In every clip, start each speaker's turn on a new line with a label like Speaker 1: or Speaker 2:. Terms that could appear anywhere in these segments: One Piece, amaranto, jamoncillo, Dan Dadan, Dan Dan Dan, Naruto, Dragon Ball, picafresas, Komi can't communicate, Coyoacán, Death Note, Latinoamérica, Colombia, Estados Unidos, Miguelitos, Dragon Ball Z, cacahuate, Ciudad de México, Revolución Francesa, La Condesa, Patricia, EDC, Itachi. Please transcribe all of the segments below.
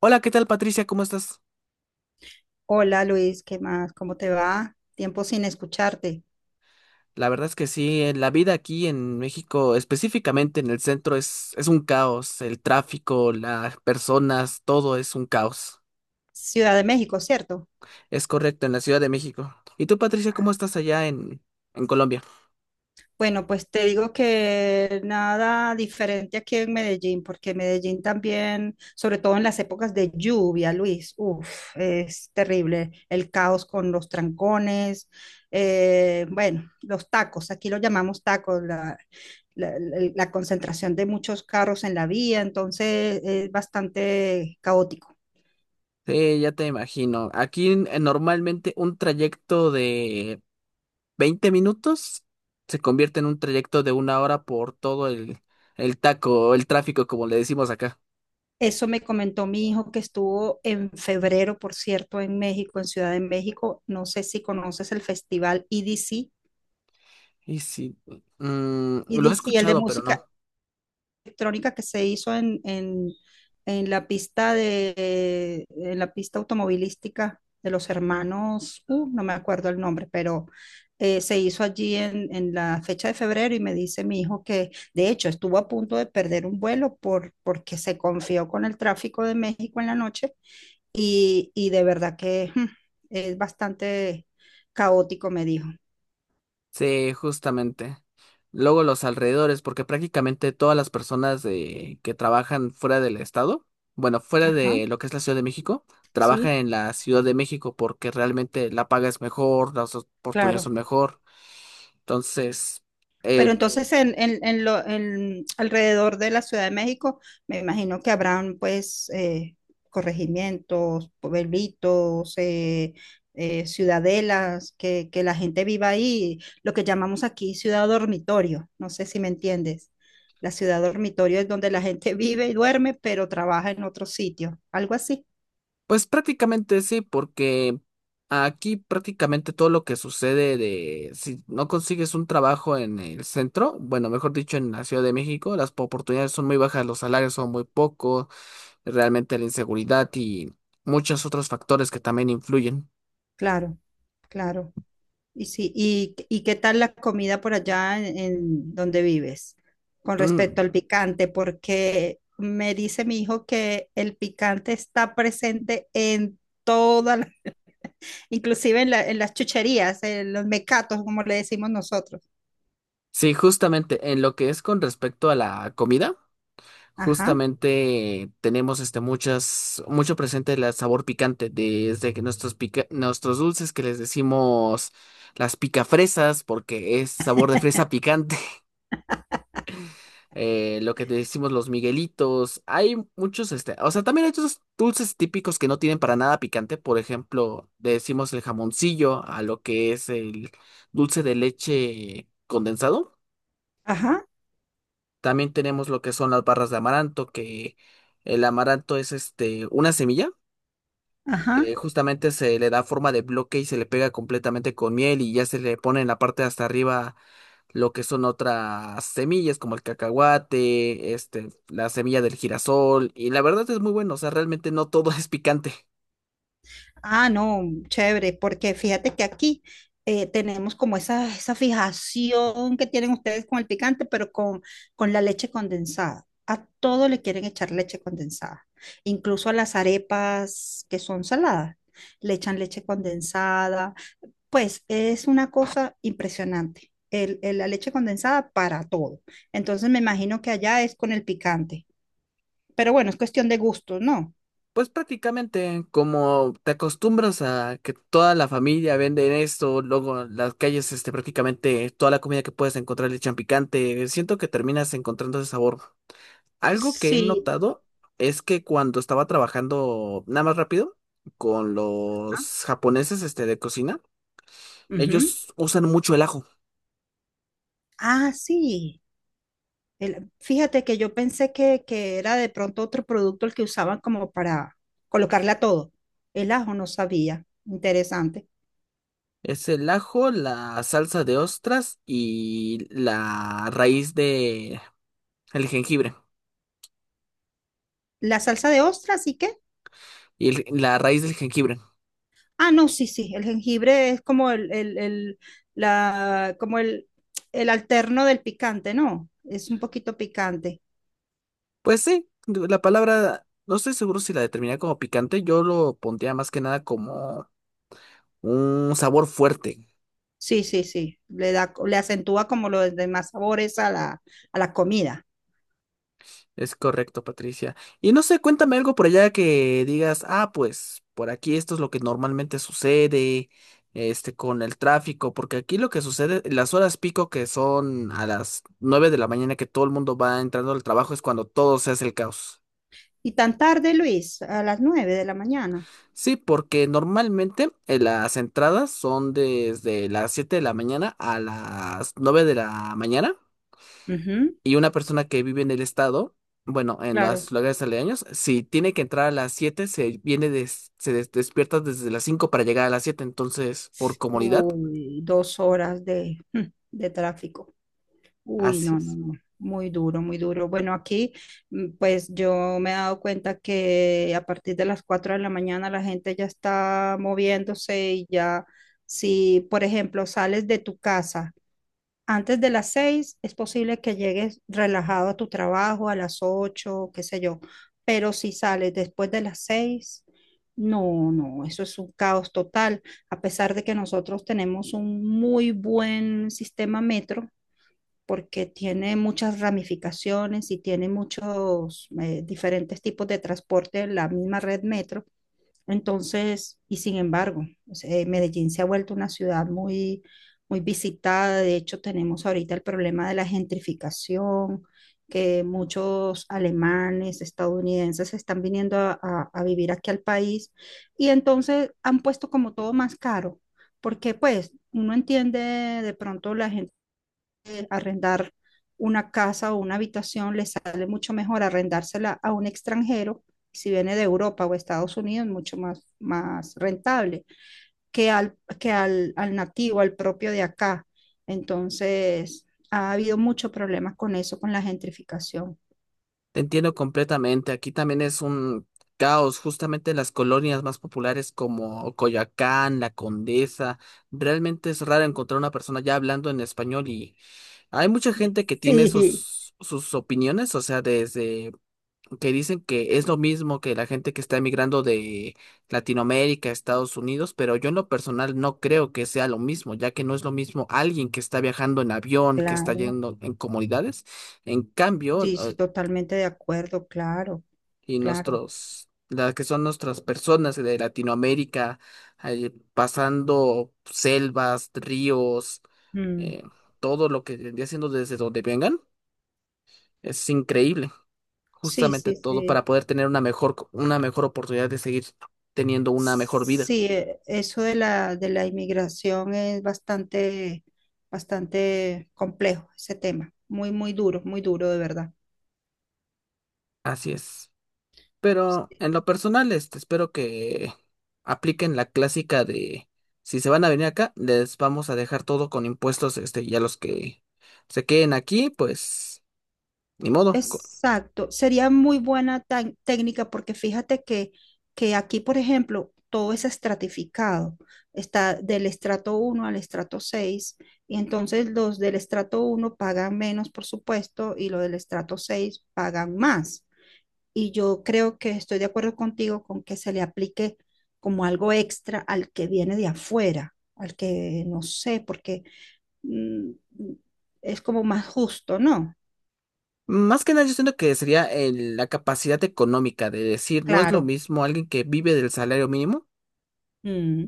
Speaker 1: Hola, ¿qué tal, Patricia? ¿Cómo estás?
Speaker 2: Hola Luis, ¿qué más? ¿Cómo te va? Tiempo sin escucharte.
Speaker 1: La verdad es que sí, la vida aquí en México, específicamente en el centro, es un caos. El tráfico, las personas, todo es un caos.
Speaker 2: Ciudad de México, ¿cierto?
Speaker 1: Es correcto, en la Ciudad de México. ¿Y tú, Patricia, cómo
Speaker 2: Ah.
Speaker 1: estás allá en Colombia?
Speaker 2: Bueno, pues te digo que nada diferente aquí en Medellín, porque Medellín también, sobre todo en las épocas de lluvia, Luis, uff, es terrible. El caos con los trancones, bueno, los tacos, aquí lo llamamos tacos, la concentración de muchos carros en la vía, entonces es bastante caótico.
Speaker 1: Sí, ya te imagino. Aquí normalmente un trayecto de 20 minutos se convierte en un trayecto de una hora por todo el taco, el tráfico, como le decimos acá.
Speaker 2: Eso me comentó mi hijo que estuvo en febrero, por cierto, en México, en Ciudad de México. No sé si conoces el festival EDC,
Speaker 1: Y sí, mm, lo he
Speaker 2: EDC, el de
Speaker 1: escuchado, pero
Speaker 2: música
Speaker 1: no.
Speaker 2: electrónica que se hizo en la pista de, en la pista automovilística de los hermanos, no me acuerdo el nombre, pero se hizo allí en la fecha de febrero y me dice mi hijo que de hecho estuvo a punto de perder un vuelo porque se confió con el tráfico de México en la noche y de verdad que es bastante caótico, me dijo.
Speaker 1: Sí, justamente. Luego los alrededores, porque prácticamente todas las personas de que trabajan fuera del estado, bueno, fuera
Speaker 2: Ajá,
Speaker 1: de lo que es la Ciudad de México, trabajan
Speaker 2: sí,
Speaker 1: en la Ciudad de México porque realmente la paga es mejor, las oportunidades
Speaker 2: claro.
Speaker 1: son mejor. Entonces,
Speaker 2: Pero
Speaker 1: eh,
Speaker 2: entonces en alrededor de la Ciudad de México, me imagino que habrán pues corregimientos, pueblitos, ciudadelas, que la gente viva ahí, lo que llamamos aquí ciudad dormitorio, no sé si me entiendes. La ciudad dormitorio es donde la gente vive y duerme, pero trabaja en otro sitio, algo así.
Speaker 1: pues prácticamente sí, porque aquí prácticamente todo lo que sucede de si no consigues un trabajo en el centro, bueno, mejor dicho, en la Ciudad de México, las oportunidades son muy bajas, los salarios son muy pocos, realmente la inseguridad y muchos otros factores que también influyen.
Speaker 2: Claro, claro. Y sí, y qué tal la comida por allá en donde vives con respecto
Speaker 1: Mm.
Speaker 2: al picante? Porque me dice mi hijo que el picante está presente en todas las, inclusive en, la- en las chucherías, en los mecatos, como le decimos nosotros.
Speaker 1: Sí, justamente en lo que es con respecto a la comida,
Speaker 2: Ajá,
Speaker 1: justamente tenemos este muchas, mucho presente el sabor picante, desde que nuestros nuestros dulces que les decimos las picafresas, porque es sabor de fresa picante. Eh, lo que decimos los Miguelitos. Hay muchos, este, o sea, también hay otros dulces típicos que no tienen para nada picante. Por ejemplo, decimos el jamoncillo a lo que es el dulce de leche condensado.
Speaker 2: ajá,
Speaker 1: También tenemos lo que son las barras de amaranto, que el amaranto es este, una semilla,
Speaker 2: ajá.
Speaker 1: que justamente se le da forma de bloque y se le pega completamente con miel y ya se le pone en la parte de hasta arriba lo que son otras semillas como el cacahuate, este, la semilla del girasol, y la verdad es muy bueno, o sea, realmente no todo es picante.
Speaker 2: Ah, no, chévere, porque fíjate que aquí tenemos como esa fijación que tienen ustedes con el picante, pero con la leche condensada. A todo le quieren echar leche condensada, incluso a las arepas que son saladas, le echan leche condensada. Pues es una cosa impresionante, el- la leche condensada para todo. Entonces me imagino que allá es con el picante, pero bueno, es cuestión de gusto, ¿no?
Speaker 1: Pues prácticamente como te acostumbras a que toda la familia vende esto, luego en las calles, este, prácticamente toda la comida que puedes encontrar le echan picante, siento que terminas encontrando ese sabor. Algo que he
Speaker 2: Sí.
Speaker 1: notado es que cuando estaba trabajando nada más rápido con
Speaker 2: Ah,
Speaker 1: los japoneses, este, de cocina,
Speaker 2: ujú.
Speaker 1: ellos usan mucho el ajo.
Speaker 2: Ah, sí. El- fíjate que yo pensé que era de pronto otro producto el que usaban como para colocarle a todo. El ajo no sabía. Interesante.
Speaker 1: Es el ajo, la salsa de ostras y la raíz de el jengibre.
Speaker 2: La salsa de ostras, ¿y qué?
Speaker 1: Y la raíz del jengibre.
Speaker 2: Ah, no, sí, sí. El jengibre es como el la, como el alterno del picante, ¿no? Es un poquito picante.
Speaker 1: Pues sí, la palabra, no estoy seguro si la determiné como picante, yo lo pondría más que nada como un sabor fuerte.
Speaker 2: Sí, sí, sí. Le da, le acentúa como los demás sabores a la comida.
Speaker 1: Es correcto, Patricia. Y no sé, cuéntame algo por allá que digas, ah, pues por aquí esto es lo que normalmente sucede, este, con el tráfico, porque aquí lo que sucede, las horas pico que son a las 9 de la mañana que todo el mundo va entrando al trabajo es cuando todo se hace el caos.
Speaker 2: Y tan tarde, Luis, a las nueve de la mañana.
Speaker 1: Sí, porque normalmente las entradas son desde las 7 de la mañana a las 9 de la mañana.
Speaker 2: Ujú.
Speaker 1: Y una persona que vive en el estado, bueno, en
Speaker 2: Claro.
Speaker 1: los lugares aledaños, si tiene que entrar a las 7 se viene despierta desde las 5 para llegar a las 7, entonces, por comodidad,
Speaker 2: Uy, dos horas de, de tráfico. Uy,
Speaker 1: así
Speaker 2: no, no,
Speaker 1: es.
Speaker 2: no. Muy duro, muy duro. Bueno, aquí pues yo me he dado cuenta que a partir de las 4 de la mañana la gente ya está moviéndose y ya, si por ejemplo sales de tu casa antes de las seis es posible que llegues relajado a tu trabajo a las ocho, qué sé yo, pero si sales después de las seis, no, no, eso es un caos total, a pesar de que nosotros tenemos un muy buen sistema metro porque tiene muchas ramificaciones y tiene muchos diferentes tipos de transporte en la misma red metro, entonces, y sin embargo, o sea, Medellín se ha vuelto una ciudad muy, muy visitada. De hecho, tenemos ahorita el problema de la gentrificación, que muchos alemanes, estadounidenses están viniendo a vivir aquí al país y entonces han puesto como todo más caro, porque pues uno entiende de pronto la gente arrendar una casa o una habitación, le sale mucho mejor arrendársela a un extranjero, si viene de Europa o Estados Unidos, mucho más, más rentable al nativo, al propio de acá. Entonces, ha habido muchos problemas con eso, con la gentrificación.
Speaker 1: Te entiendo completamente. Aquí también es un caos, justamente en las colonias más populares como Coyoacán, La Condesa. Realmente es raro encontrar una persona ya hablando en español y hay mucha gente que tiene
Speaker 2: Sí,
Speaker 1: sus opiniones, o sea, desde que dicen que es lo mismo que la gente que está emigrando de Latinoamérica a Estados Unidos, pero yo en lo personal no creo que sea lo mismo, ya que no es lo mismo alguien que está viajando en avión, que está
Speaker 2: claro,
Speaker 1: yendo en comunidades. En cambio,
Speaker 2: sí, sí, totalmente de acuerdo, claro,
Speaker 1: y
Speaker 2: claro.
Speaker 1: nuestros, las que son nuestras personas de Latinoamérica, pasando selvas, ríos,
Speaker 2: Mm.
Speaker 1: eh, todo lo que vendría siendo desde donde vengan, es increíble.
Speaker 2: Sí,
Speaker 1: Justamente
Speaker 2: sí,
Speaker 1: todo para
Speaker 2: sí.
Speaker 1: poder tener una mejor, una mejor oportunidad de seguir teniendo una mejor vida.
Speaker 2: Sí, eso de la inmigración es bastante, bastante complejo, ese tema. Muy, muy duro de verdad.
Speaker 1: Así es. Pero
Speaker 2: Sí,
Speaker 1: en lo personal, este, espero que apliquen la clásica de si se van a venir acá, les vamos a dejar todo con impuestos, este, y a los que se queden aquí, pues ni modo. Co-
Speaker 2: exacto. Sería muy buena tan- técnica porque fíjate que aquí, por ejemplo, todo es estratificado. Está del estrato uno al estrato 6 y entonces los del estrato uno pagan menos, por supuesto, y los del estrato 6 pagan más. Y yo creo que estoy de acuerdo contigo con que se le aplique como algo extra al que viene de afuera, al que no sé, porque mm, es como más justo, ¿no?
Speaker 1: Más que nada, yo siento que sería la capacidad económica de decir, no es lo
Speaker 2: Claro.
Speaker 1: mismo alguien que vive del salario mínimo,
Speaker 2: Mm,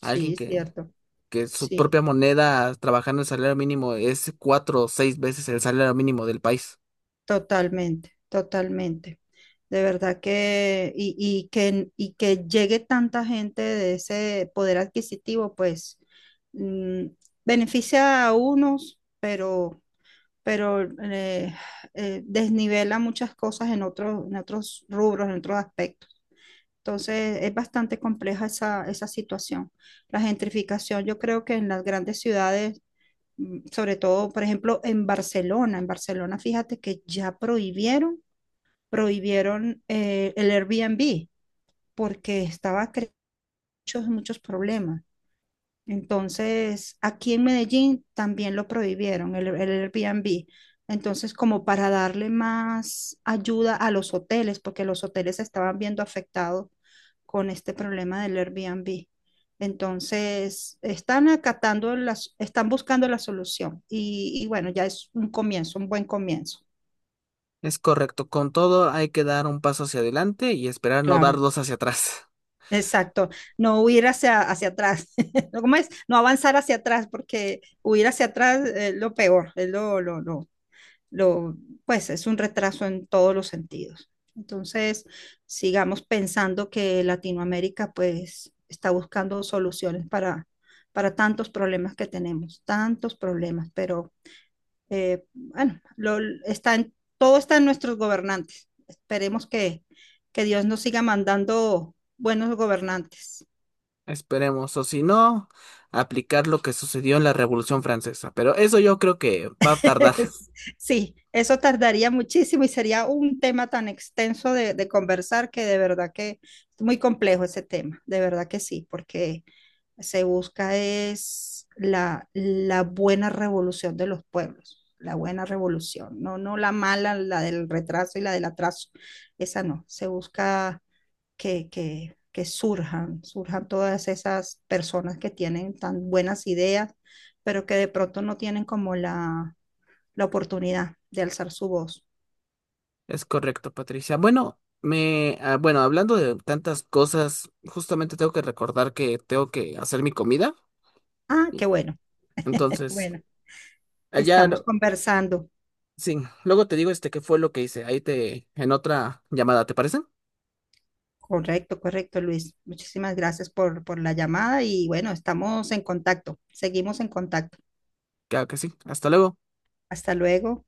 Speaker 1: alguien
Speaker 2: sí, cierto.
Speaker 1: que su
Speaker 2: Sí,
Speaker 1: propia moneda trabajando el salario mínimo es 4 o 6 veces el salario mínimo del país.
Speaker 2: totalmente, totalmente. De verdad que, y que llegue tanta gente de ese poder adquisitivo, pues mm, beneficia a unos, pero desnivela muchas cosas en otros rubros, en otros aspectos. Entonces es bastante compleja esa, esa situación. La gentrificación, yo creo que en las grandes ciudades, sobre todo, por ejemplo, en Barcelona, fíjate que ya prohibieron, prohibieron el Airbnb porque estaba creando muchos, muchos problemas. Entonces, aquí en Medellín también lo prohibieron, el Airbnb. Entonces, como para darle más ayuda a los hoteles, porque los hoteles se estaban viendo afectados con este problema del Airbnb. Entonces, están acatando las, están buscando la solución. Y bueno, ya es un comienzo, un buen comienzo.
Speaker 1: Es correcto, con todo hay que dar un paso hacia adelante y esperar no dar
Speaker 2: Claro.
Speaker 1: dos hacia atrás.
Speaker 2: Exacto, no huir hacia, hacia atrás, ¿no? ¿Cómo es? No avanzar hacia atrás, porque huir hacia atrás es lo peor, es lo, pues es un retraso en todos los sentidos. Entonces, sigamos pensando que Latinoamérica pues está buscando soluciones para tantos problemas que tenemos, tantos problemas, pero bueno, lo, está en, todo está en nuestros gobernantes. Esperemos que Dios nos siga mandando buenos gobernantes.
Speaker 1: Esperemos, o si no, aplicar lo que sucedió en la Revolución Francesa. Pero eso yo creo que va a tardar.
Speaker 2: Es- sí, eso tardaría muchísimo y sería un tema tan extenso de conversar que de verdad que es muy complejo ese tema, de verdad que sí, porque se busca es la, la buena revolución de los pueblos, la buena revolución, no, no la mala, la del retraso y la del atraso, esa no, se busca que surjan, surjan todas esas personas que tienen tan buenas ideas, pero que de pronto no tienen como la la oportunidad de alzar su voz.
Speaker 1: Es correcto, Patricia. Bueno, me, ah, bueno, hablando de tantas cosas, justamente tengo que recordar que tengo que hacer mi comida.
Speaker 2: Ah,
Speaker 1: Y
Speaker 2: qué bueno.
Speaker 1: entonces,
Speaker 2: Bueno,
Speaker 1: allá
Speaker 2: estamos
Speaker 1: no,
Speaker 2: conversando.
Speaker 1: sí, luego te digo este qué fue lo que hice. Ahí te, en otra llamada, ¿te parece?
Speaker 2: Correcto, correcto, Luis. Muchísimas gracias por la llamada y bueno, estamos en contacto. Seguimos en contacto.
Speaker 1: Claro que sí. Hasta luego.
Speaker 2: Hasta luego.